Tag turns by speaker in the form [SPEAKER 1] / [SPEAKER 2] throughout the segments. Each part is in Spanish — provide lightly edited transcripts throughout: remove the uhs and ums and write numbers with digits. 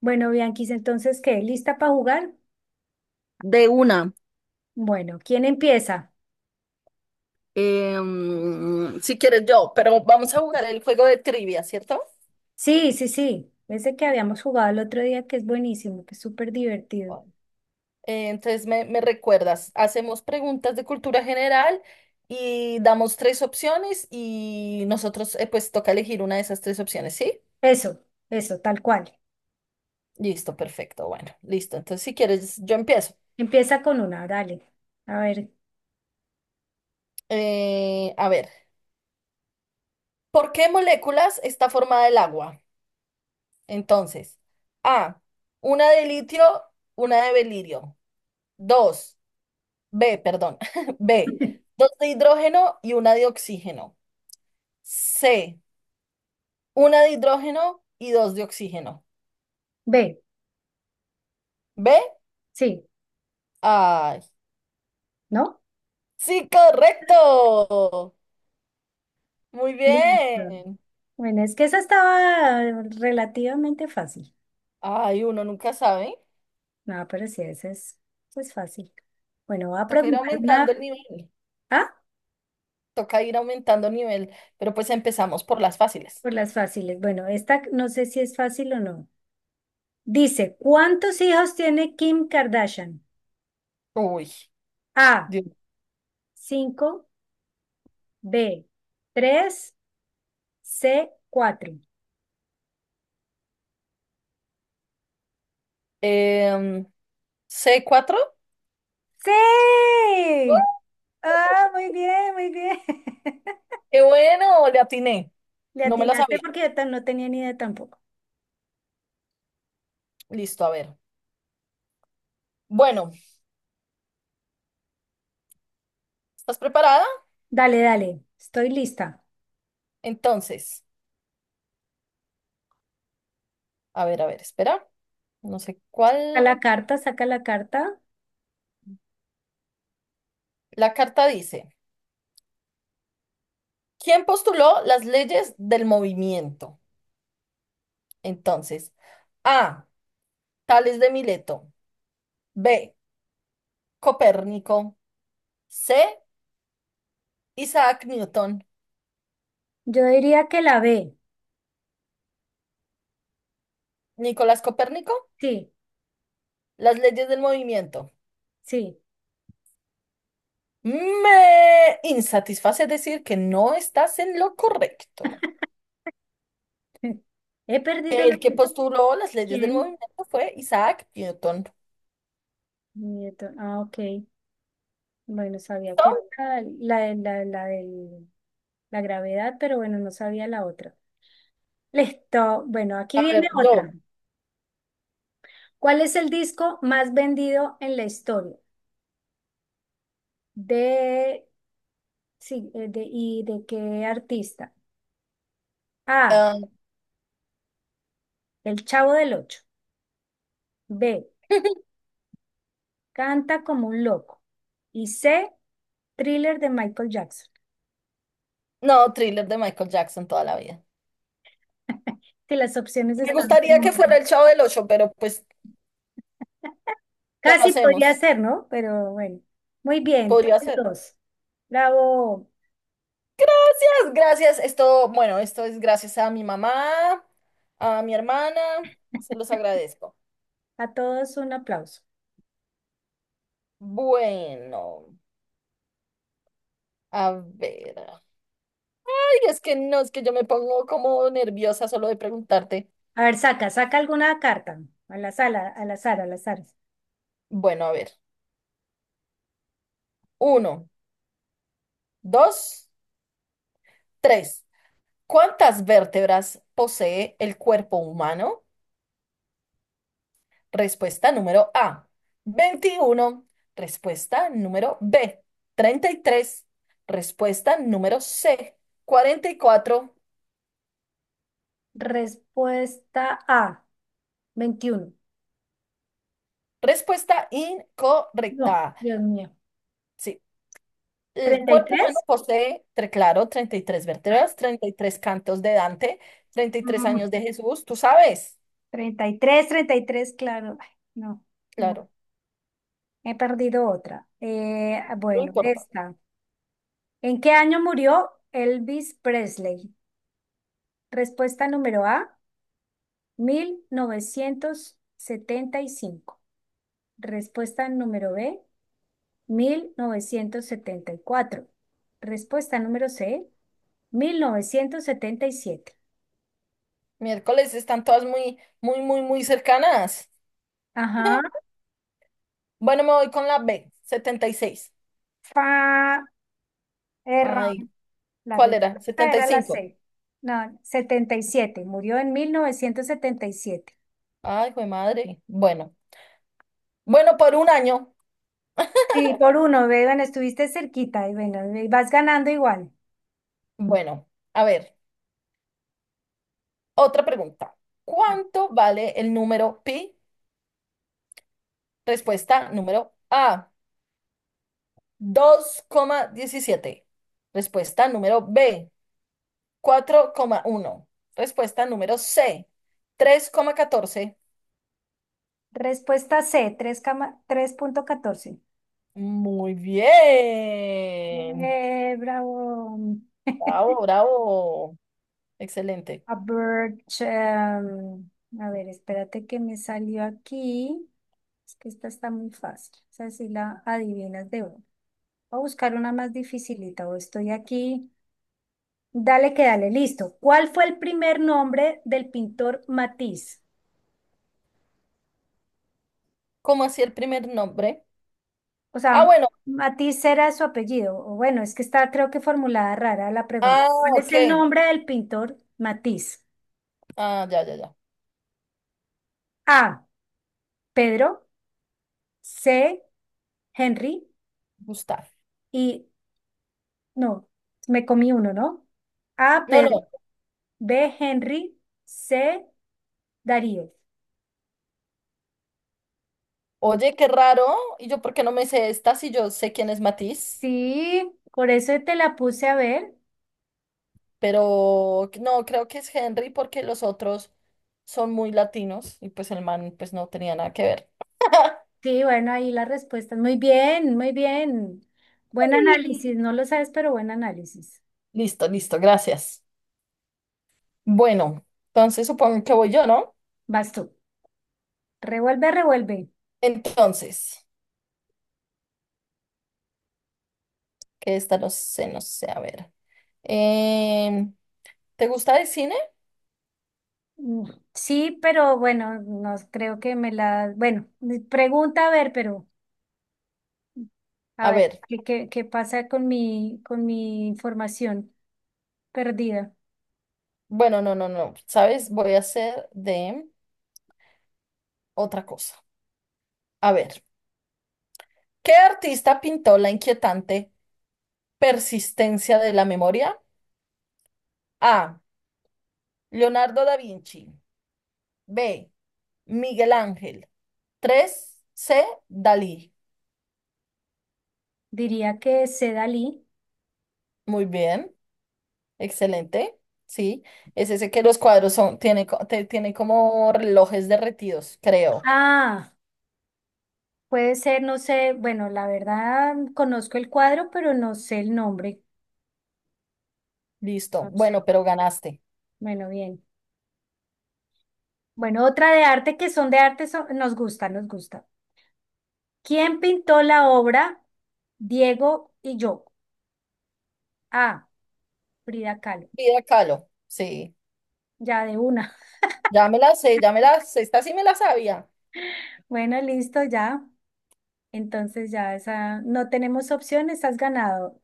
[SPEAKER 1] Bueno, Bianquis, entonces, ¿qué? ¿Lista para jugar?
[SPEAKER 2] De una.
[SPEAKER 1] Bueno, ¿quién empieza?
[SPEAKER 2] Si quieres yo, pero vamos a jugar el juego de trivia, ¿cierto?
[SPEAKER 1] Sí, sí, sí. Ese que habíamos jugado el otro día, que es buenísimo, que es súper divertido.
[SPEAKER 2] Bueno. Entonces me recuerdas, hacemos preguntas de cultura general y damos tres opciones y nosotros pues toca elegir una de esas tres opciones, ¿sí?
[SPEAKER 1] Eso, tal cual.
[SPEAKER 2] Listo, perfecto, bueno, listo. Entonces si quieres yo empiezo.
[SPEAKER 1] Empieza con una, dale. A ver.
[SPEAKER 2] A ver, ¿por qué moléculas está formada el agua? Entonces, A, una de litio, una de berilio. Dos. B, perdón. B, dos de hidrógeno y una de oxígeno. C, una de hidrógeno y dos de oxígeno.
[SPEAKER 1] Ve.
[SPEAKER 2] B,
[SPEAKER 1] Sí,
[SPEAKER 2] ay.
[SPEAKER 1] ¿no?
[SPEAKER 2] Sí, correcto. Muy
[SPEAKER 1] Listo.
[SPEAKER 2] bien.
[SPEAKER 1] Bueno, es que esa estaba relativamente fácil.
[SPEAKER 2] Ay, uno nunca sabe.
[SPEAKER 1] No, pero sí, esa es fácil. Bueno, voy a
[SPEAKER 2] Toca ir
[SPEAKER 1] preguntar
[SPEAKER 2] aumentando
[SPEAKER 1] una.
[SPEAKER 2] el nivel.
[SPEAKER 1] Ah,
[SPEAKER 2] Toca ir aumentando el nivel. Pero pues empezamos por las fáciles.
[SPEAKER 1] por las fáciles. Bueno, esta no sé si es fácil o no. Dice, ¿cuántos hijos tiene Kim Kardashian?
[SPEAKER 2] Uy,
[SPEAKER 1] A,
[SPEAKER 2] Dios.
[SPEAKER 1] 5, B, 3, C, 4.
[SPEAKER 2] Em, C cuatro. ¡Uh!
[SPEAKER 1] Sí. Ah, muy bien, muy bien.
[SPEAKER 2] ¡Qué bueno! Le atiné.
[SPEAKER 1] Le
[SPEAKER 2] No me la
[SPEAKER 1] atinaste
[SPEAKER 2] sabía.
[SPEAKER 1] porque yo no tenía ni idea tampoco.
[SPEAKER 2] Listo, a ver. Bueno. ¿Estás preparada?
[SPEAKER 1] Dale, dale, estoy lista.
[SPEAKER 2] Entonces, a ver, espera. No sé
[SPEAKER 1] Saca
[SPEAKER 2] cuál.
[SPEAKER 1] la carta, saca la carta.
[SPEAKER 2] La carta dice, ¿quién postuló las leyes del movimiento? Entonces, A, Tales de Mileto, B, Copérnico, C, Isaac Newton.
[SPEAKER 1] Yo diría que la B.
[SPEAKER 2] Nicolás Copérnico,
[SPEAKER 1] Sí,
[SPEAKER 2] las leyes del movimiento.
[SPEAKER 1] sí.
[SPEAKER 2] Me insatisface decir que no estás en lo correcto.
[SPEAKER 1] He perdido lo
[SPEAKER 2] El que
[SPEAKER 1] que...
[SPEAKER 2] postuló las leyes del
[SPEAKER 1] ¿Quién?
[SPEAKER 2] movimiento fue Isaac Newton.
[SPEAKER 1] Nieto. Ah, ok. Bueno, sabía que era la, de la, la del- la gravedad, pero bueno, no sabía la otra. Listo. Bueno, aquí
[SPEAKER 2] A
[SPEAKER 1] viene
[SPEAKER 2] ver,
[SPEAKER 1] otra.
[SPEAKER 2] yo.
[SPEAKER 1] ¿Cuál es el disco más vendido en la historia? De, sí, ¿y de qué artista? A,
[SPEAKER 2] Ah,
[SPEAKER 1] El Chavo del Ocho. B, Canta como un loco. Y C, Thriller de Michael Jackson.
[SPEAKER 2] no, thriller de Michael Jackson toda la vida.
[SPEAKER 1] Que las opciones
[SPEAKER 2] Me
[SPEAKER 1] están
[SPEAKER 2] gustaría
[SPEAKER 1] como...
[SPEAKER 2] que fuera el Chavo del Ocho, pero pues, ¿qué
[SPEAKER 1] Casi podría
[SPEAKER 2] hacemos?
[SPEAKER 1] ser, ¿no? Pero bueno, muy bien,
[SPEAKER 2] Podría
[SPEAKER 1] tienes
[SPEAKER 2] ser.
[SPEAKER 1] dos. Bravo.
[SPEAKER 2] Gracias, gracias. Esto, bueno, esto es gracias a mi mamá, a mi hermana. Se los agradezco.
[SPEAKER 1] A todos un aplauso.
[SPEAKER 2] Bueno, a ver. Ay, es que no, es que yo me pongo como nerviosa solo de preguntarte.
[SPEAKER 1] A ver, saca, saca alguna carta. A la sala, a la sala, a la sala.
[SPEAKER 2] Bueno, a ver. Uno, dos, tres. ¿Cuántas vértebras posee el cuerpo humano? Respuesta número A, 21. Respuesta número B, 33. Respuesta número C, 44.
[SPEAKER 1] Respuesta A, 21.
[SPEAKER 2] Respuesta
[SPEAKER 1] No,
[SPEAKER 2] incorrecta.
[SPEAKER 1] Dios mío.
[SPEAKER 2] Sí, el
[SPEAKER 1] Treinta y
[SPEAKER 2] cuerpo humano
[SPEAKER 1] tres.
[SPEAKER 2] posee, claro, 33
[SPEAKER 1] Ay,
[SPEAKER 2] vértebras, 33 cantos de Dante, 33
[SPEAKER 1] mm,
[SPEAKER 2] años de Jesús, tú sabes,
[SPEAKER 1] 33, 33, claro. Ay, no, no,
[SPEAKER 2] claro,
[SPEAKER 1] he perdido otra.
[SPEAKER 2] no
[SPEAKER 1] Bueno,
[SPEAKER 2] importa.
[SPEAKER 1] esta. ¿En qué año murió Elvis Presley? Respuesta número A, 1975. Respuesta número B, 1974. Respuesta número C, 1977.
[SPEAKER 2] Miércoles están todas muy, muy, muy, muy cercanas.
[SPEAKER 1] Ajá,
[SPEAKER 2] Bueno, me voy con la B, 76.
[SPEAKER 1] fa, error.
[SPEAKER 2] Ay,
[SPEAKER 1] La
[SPEAKER 2] ¿cuál era?
[SPEAKER 1] respuesta
[SPEAKER 2] setenta y
[SPEAKER 1] era la
[SPEAKER 2] cinco
[SPEAKER 1] C. No, 77. Murió en 1977.
[SPEAKER 2] Ay, jue madre. Bueno, bueno, por 1 año.
[SPEAKER 1] Sí, por uno, ve, bueno estuviste cerquita y bueno, y vas ganando igual.
[SPEAKER 2] Bueno, a ver, otra pregunta.
[SPEAKER 1] Ah,
[SPEAKER 2] ¿Cuánto vale el número pi? Respuesta número A, 2,17. Respuesta número B, 4,1. Respuesta número C, 3,14.
[SPEAKER 1] Respuesta C, 3,14.
[SPEAKER 2] Muy bien.
[SPEAKER 1] Bravo.
[SPEAKER 2] Bravo, bravo. Excelente.
[SPEAKER 1] A bird, a ver, espérate que me salió aquí. Es que esta está muy fácil. O sea, si la adivinas de uno. Voy a buscar una más dificilita. O estoy aquí. Dale que dale, listo. ¿Cuál fue el primer nombre del pintor Matisse?
[SPEAKER 2] ¿Cómo hacía el primer nombre?
[SPEAKER 1] O
[SPEAKER 2] Ah,
[SPEAKER 1] sea,
[SPEAKER 2] bueno.
[SPEAKER 1] Matisse era su apellido. O bueno, es que está creo que formulada rara la pregunta.
[SPEAKER 2] Ah,
[SPEAKER 1] ¿Cuál es
[SPEAKER 2] ok.
[SPEAKER 1] el nombre del pintor Matisse?
[SPEAKER 2] Ah, ya, ya, ya.
[SPEAKER 1] A. Pedro. C. Henry.
[SPEAKER 2] Gustavo.
[SPEAKER 1] Y no, me comí uno, ¿no? A,
[SPEAKER 2] No,
[SPEAKER 1] Pedro.
[SPEAKER 2] no.
[SPEAKER 1] B, Henry. C, Darío.
[SPEAKER 2] Oye, qué raro. ¿Y yo por qué no me sé esta si yo sé quién es Matiz?
[SPEAKER 1] Sí, por eso te la puse a ver.
[SPEAKER 2] Pero no, creo que es Henry porque los otros son muy latinos y pues el man pues no tenía nada que ver.
[SPEAKER 1] Sí, bueno, ahí la respuesta. Muy bien, muy bien. Buen
[SPEAKER 2] Sí.
[SPEAKER 1] análisis, no lo sabes, pero buen análisis.
[SPEAKER 2] Listo, listo, gracias. Bueno, entonces supongo que voy yo, ¿no?
[SPEAKER 1] Vas tú. Revuelve, revuelve.
[SPEAKER 2] Entonces, que esta no sé, no sé, a ver. Em, ¿Te gusta el cine?
[SPEAKER 1] Mm, sí, pero bueno, no creo que me la... Bueno, mi pregunta a ver, pero a
[SPEAKER 2] A
[SPEAKER 1] ver,
[SPEAKER 2] ver,
[SPEAKER 1] ¿qué pasa con mi información perdida?
[SPEAKER 2] bueno, no, no, no, ¿sabes? Voy a hacer de otra cosa. A ver, ¿qué artista pintó la inquietante? Persistencia de la memoria. A, Leonardo da Vinci. B, Miguel Ángel. Tres C, Dalí.
[SPEAKER 1] Diría que es Dalí.
[SPEAKER 2] Muy bien, excelente. Sí, es ese que los cuadros son, tiene, tiene como relojes derretidos, creo.
[SPEAKER 1] Ah, puede ser, no sé, bueno, la verdad conozco el cuadro, pero no sé el nombre.
[SPEAKER 2] Listo.
[SPEAKER 1] No sé.
[SPEAKER 2] Bueno, pero ganaste.
[SPEAKER 1] Bueno, bien. Bueno, otra de arte que son de arte, nos gusta, nos gusta. ¿Quién pintó la obra? Diego y yo. Ah, Frida Kahlo.
[SPEAKER 2] Vida Kahlo. Sí.
[SPEAKER 1] Ya de una.
[SPEAKER 2] Ya me la sé, ya me la sé. Esta sí me la sabía,
[SPEAKER 1] Bueno, listo, ya. Entonces ya esa, no tenemos opción, estás ganado.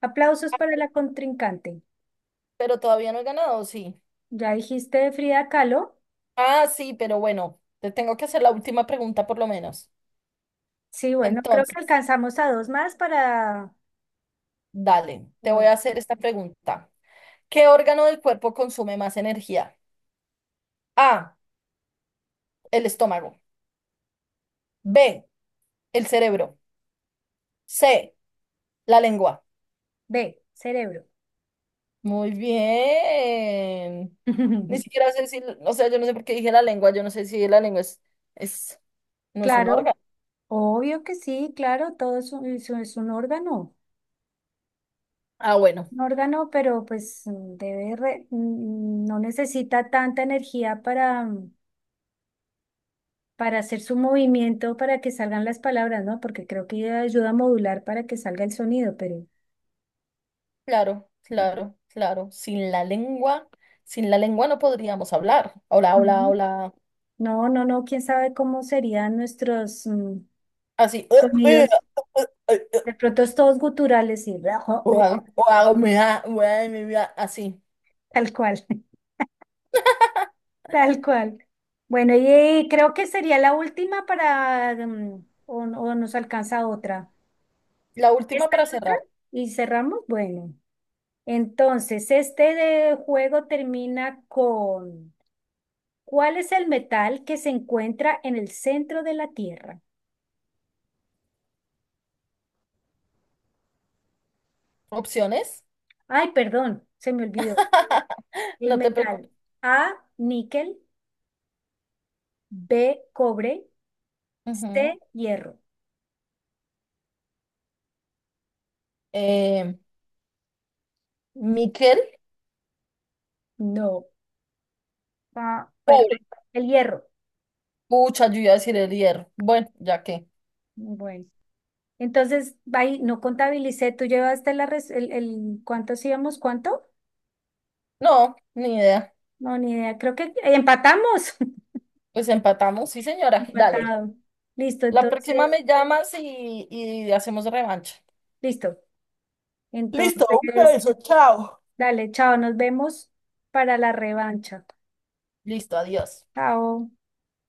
[SPEAKER 1] Aplausos para la contrincante.
[SPEAKER 2] pero todavía no he ganado, sí.
[SPEAKER 1] Ya dijiste de Frida Kahlo.
[SPEAKER 2] Ah, sí, pero bueno, te tengo que hacer la última pregunta por lo menos.
[SPEAKER 1] Sí, bueno, creo
[SPEAKER 2] Entonces.
[SPEAKER 1] que alcanzamos a dos más para,
[SPEAKER 2] Dale, te voy a
[SPEAKER 1] bueno,
[SPEAKER 2] hacer esta pregunta. ¿Qué órgano del cuerpo consume más energía? A, el estómago. B, el cerebro. C, la lengua.
[SPEAKER 1] B, cerebro.
[SPEAKER 2] Muy bien. Ni siquiera sé si, o sea, yo no sé por qué dije la lengua, yo no sé si la lengua es, no es un
[SPEAKER 1] Claro,
[SPEAKER 2] órgano.
[SPEAKER 1] obvio que sí, claro, todo es un, es
[SPEAKER 2] Ah, bueno,
[SPEAKER 1] un órgano, pero pues debe no necesita tanta energía para, para hacer su movimiento, para que salgan las palabras, ¿no? Porque creo que ayuda a modular para que salga el sonido, pero
[SPEAKER 2] claro, claro, claro. Sin la lengua, sin la lengua no podríamos hablar. Hola, hola,
[SPEAKER 1] ujú.
[SPEAKER 2] hola.
[SPEAKER 1] No, no, no, quién sabe cómo serían nuestros
[SPEAKER 2] Así.
[SPEAKER 1] sonidos. De pronto es todos guturales y...
[SPEAKER 2] O hago mi vida así.
[SPEAKER 1] Tal cual, tal cual. Bueno, y creo que sería la última para, o, o nos alcanza otra.
[SPEAKER 2] La última
[SPEAKER 1] ¿Esta
[SPEAKER 2] para
[SPEAKER 1] y otra?
[SPEAKER 2] cerrar.
[SPEAKER 1] Y cerramos. Bueno, entonces, este de juego termina con, ¿cuál es el metal que se encuentra en el centro de la Tierra?
[SPEAKER 2] Opciones.
[SPEAKER 1] Ay, perdón, se me olvidó. El
[SPEAKER 2] No te
[SPEAKER 1] metal.
[SPEAKER 2] preocupes.
[SPEAKER 1] A, níquel, B, cobre,
[SPEAKER 2] Ujú.
[SPEAKER 1] C, hierro.
[SPEAKER 2] Eh, níquel,
[SPEAKER 1] No, ah,
[SPEAKER 2] pobre.
[SPEAKER 1] perdón, el hierro.
[SPEAKER 2] Pucha, yo iba a decir el hierro. Bueno, ya que.
[SPEAKER 1] Bueno. Entonces, ahí no contabilicé, tú llevaste la ¿cuántos íbamos? ¿Cuánto?
[SPEAKER 2] No, ni idea.
[SPEAKER 1] No, ni idea, creo que empatamos.
[SPEAKER 2] Pues empatamos, sí, señora. Dale.
[SPEAKER 1] Empatado. Listo,
[SPEAKER 2] La próxima
[SPEAKER 1] entonces,
[SPEAKER 2] me llamas y hacemos revancha.
[SPEAKER 1] listo.
[SPEAKER 2] Listo, un
[SPEAKER 1] Entonces,
[SPEAKER 2] beso, chao.
[SPEAKER 1] dale, chao, nos vemos para la revancha.
[SPEAKER 2] Listo, adiós.
[SPEAKER 1] Chao.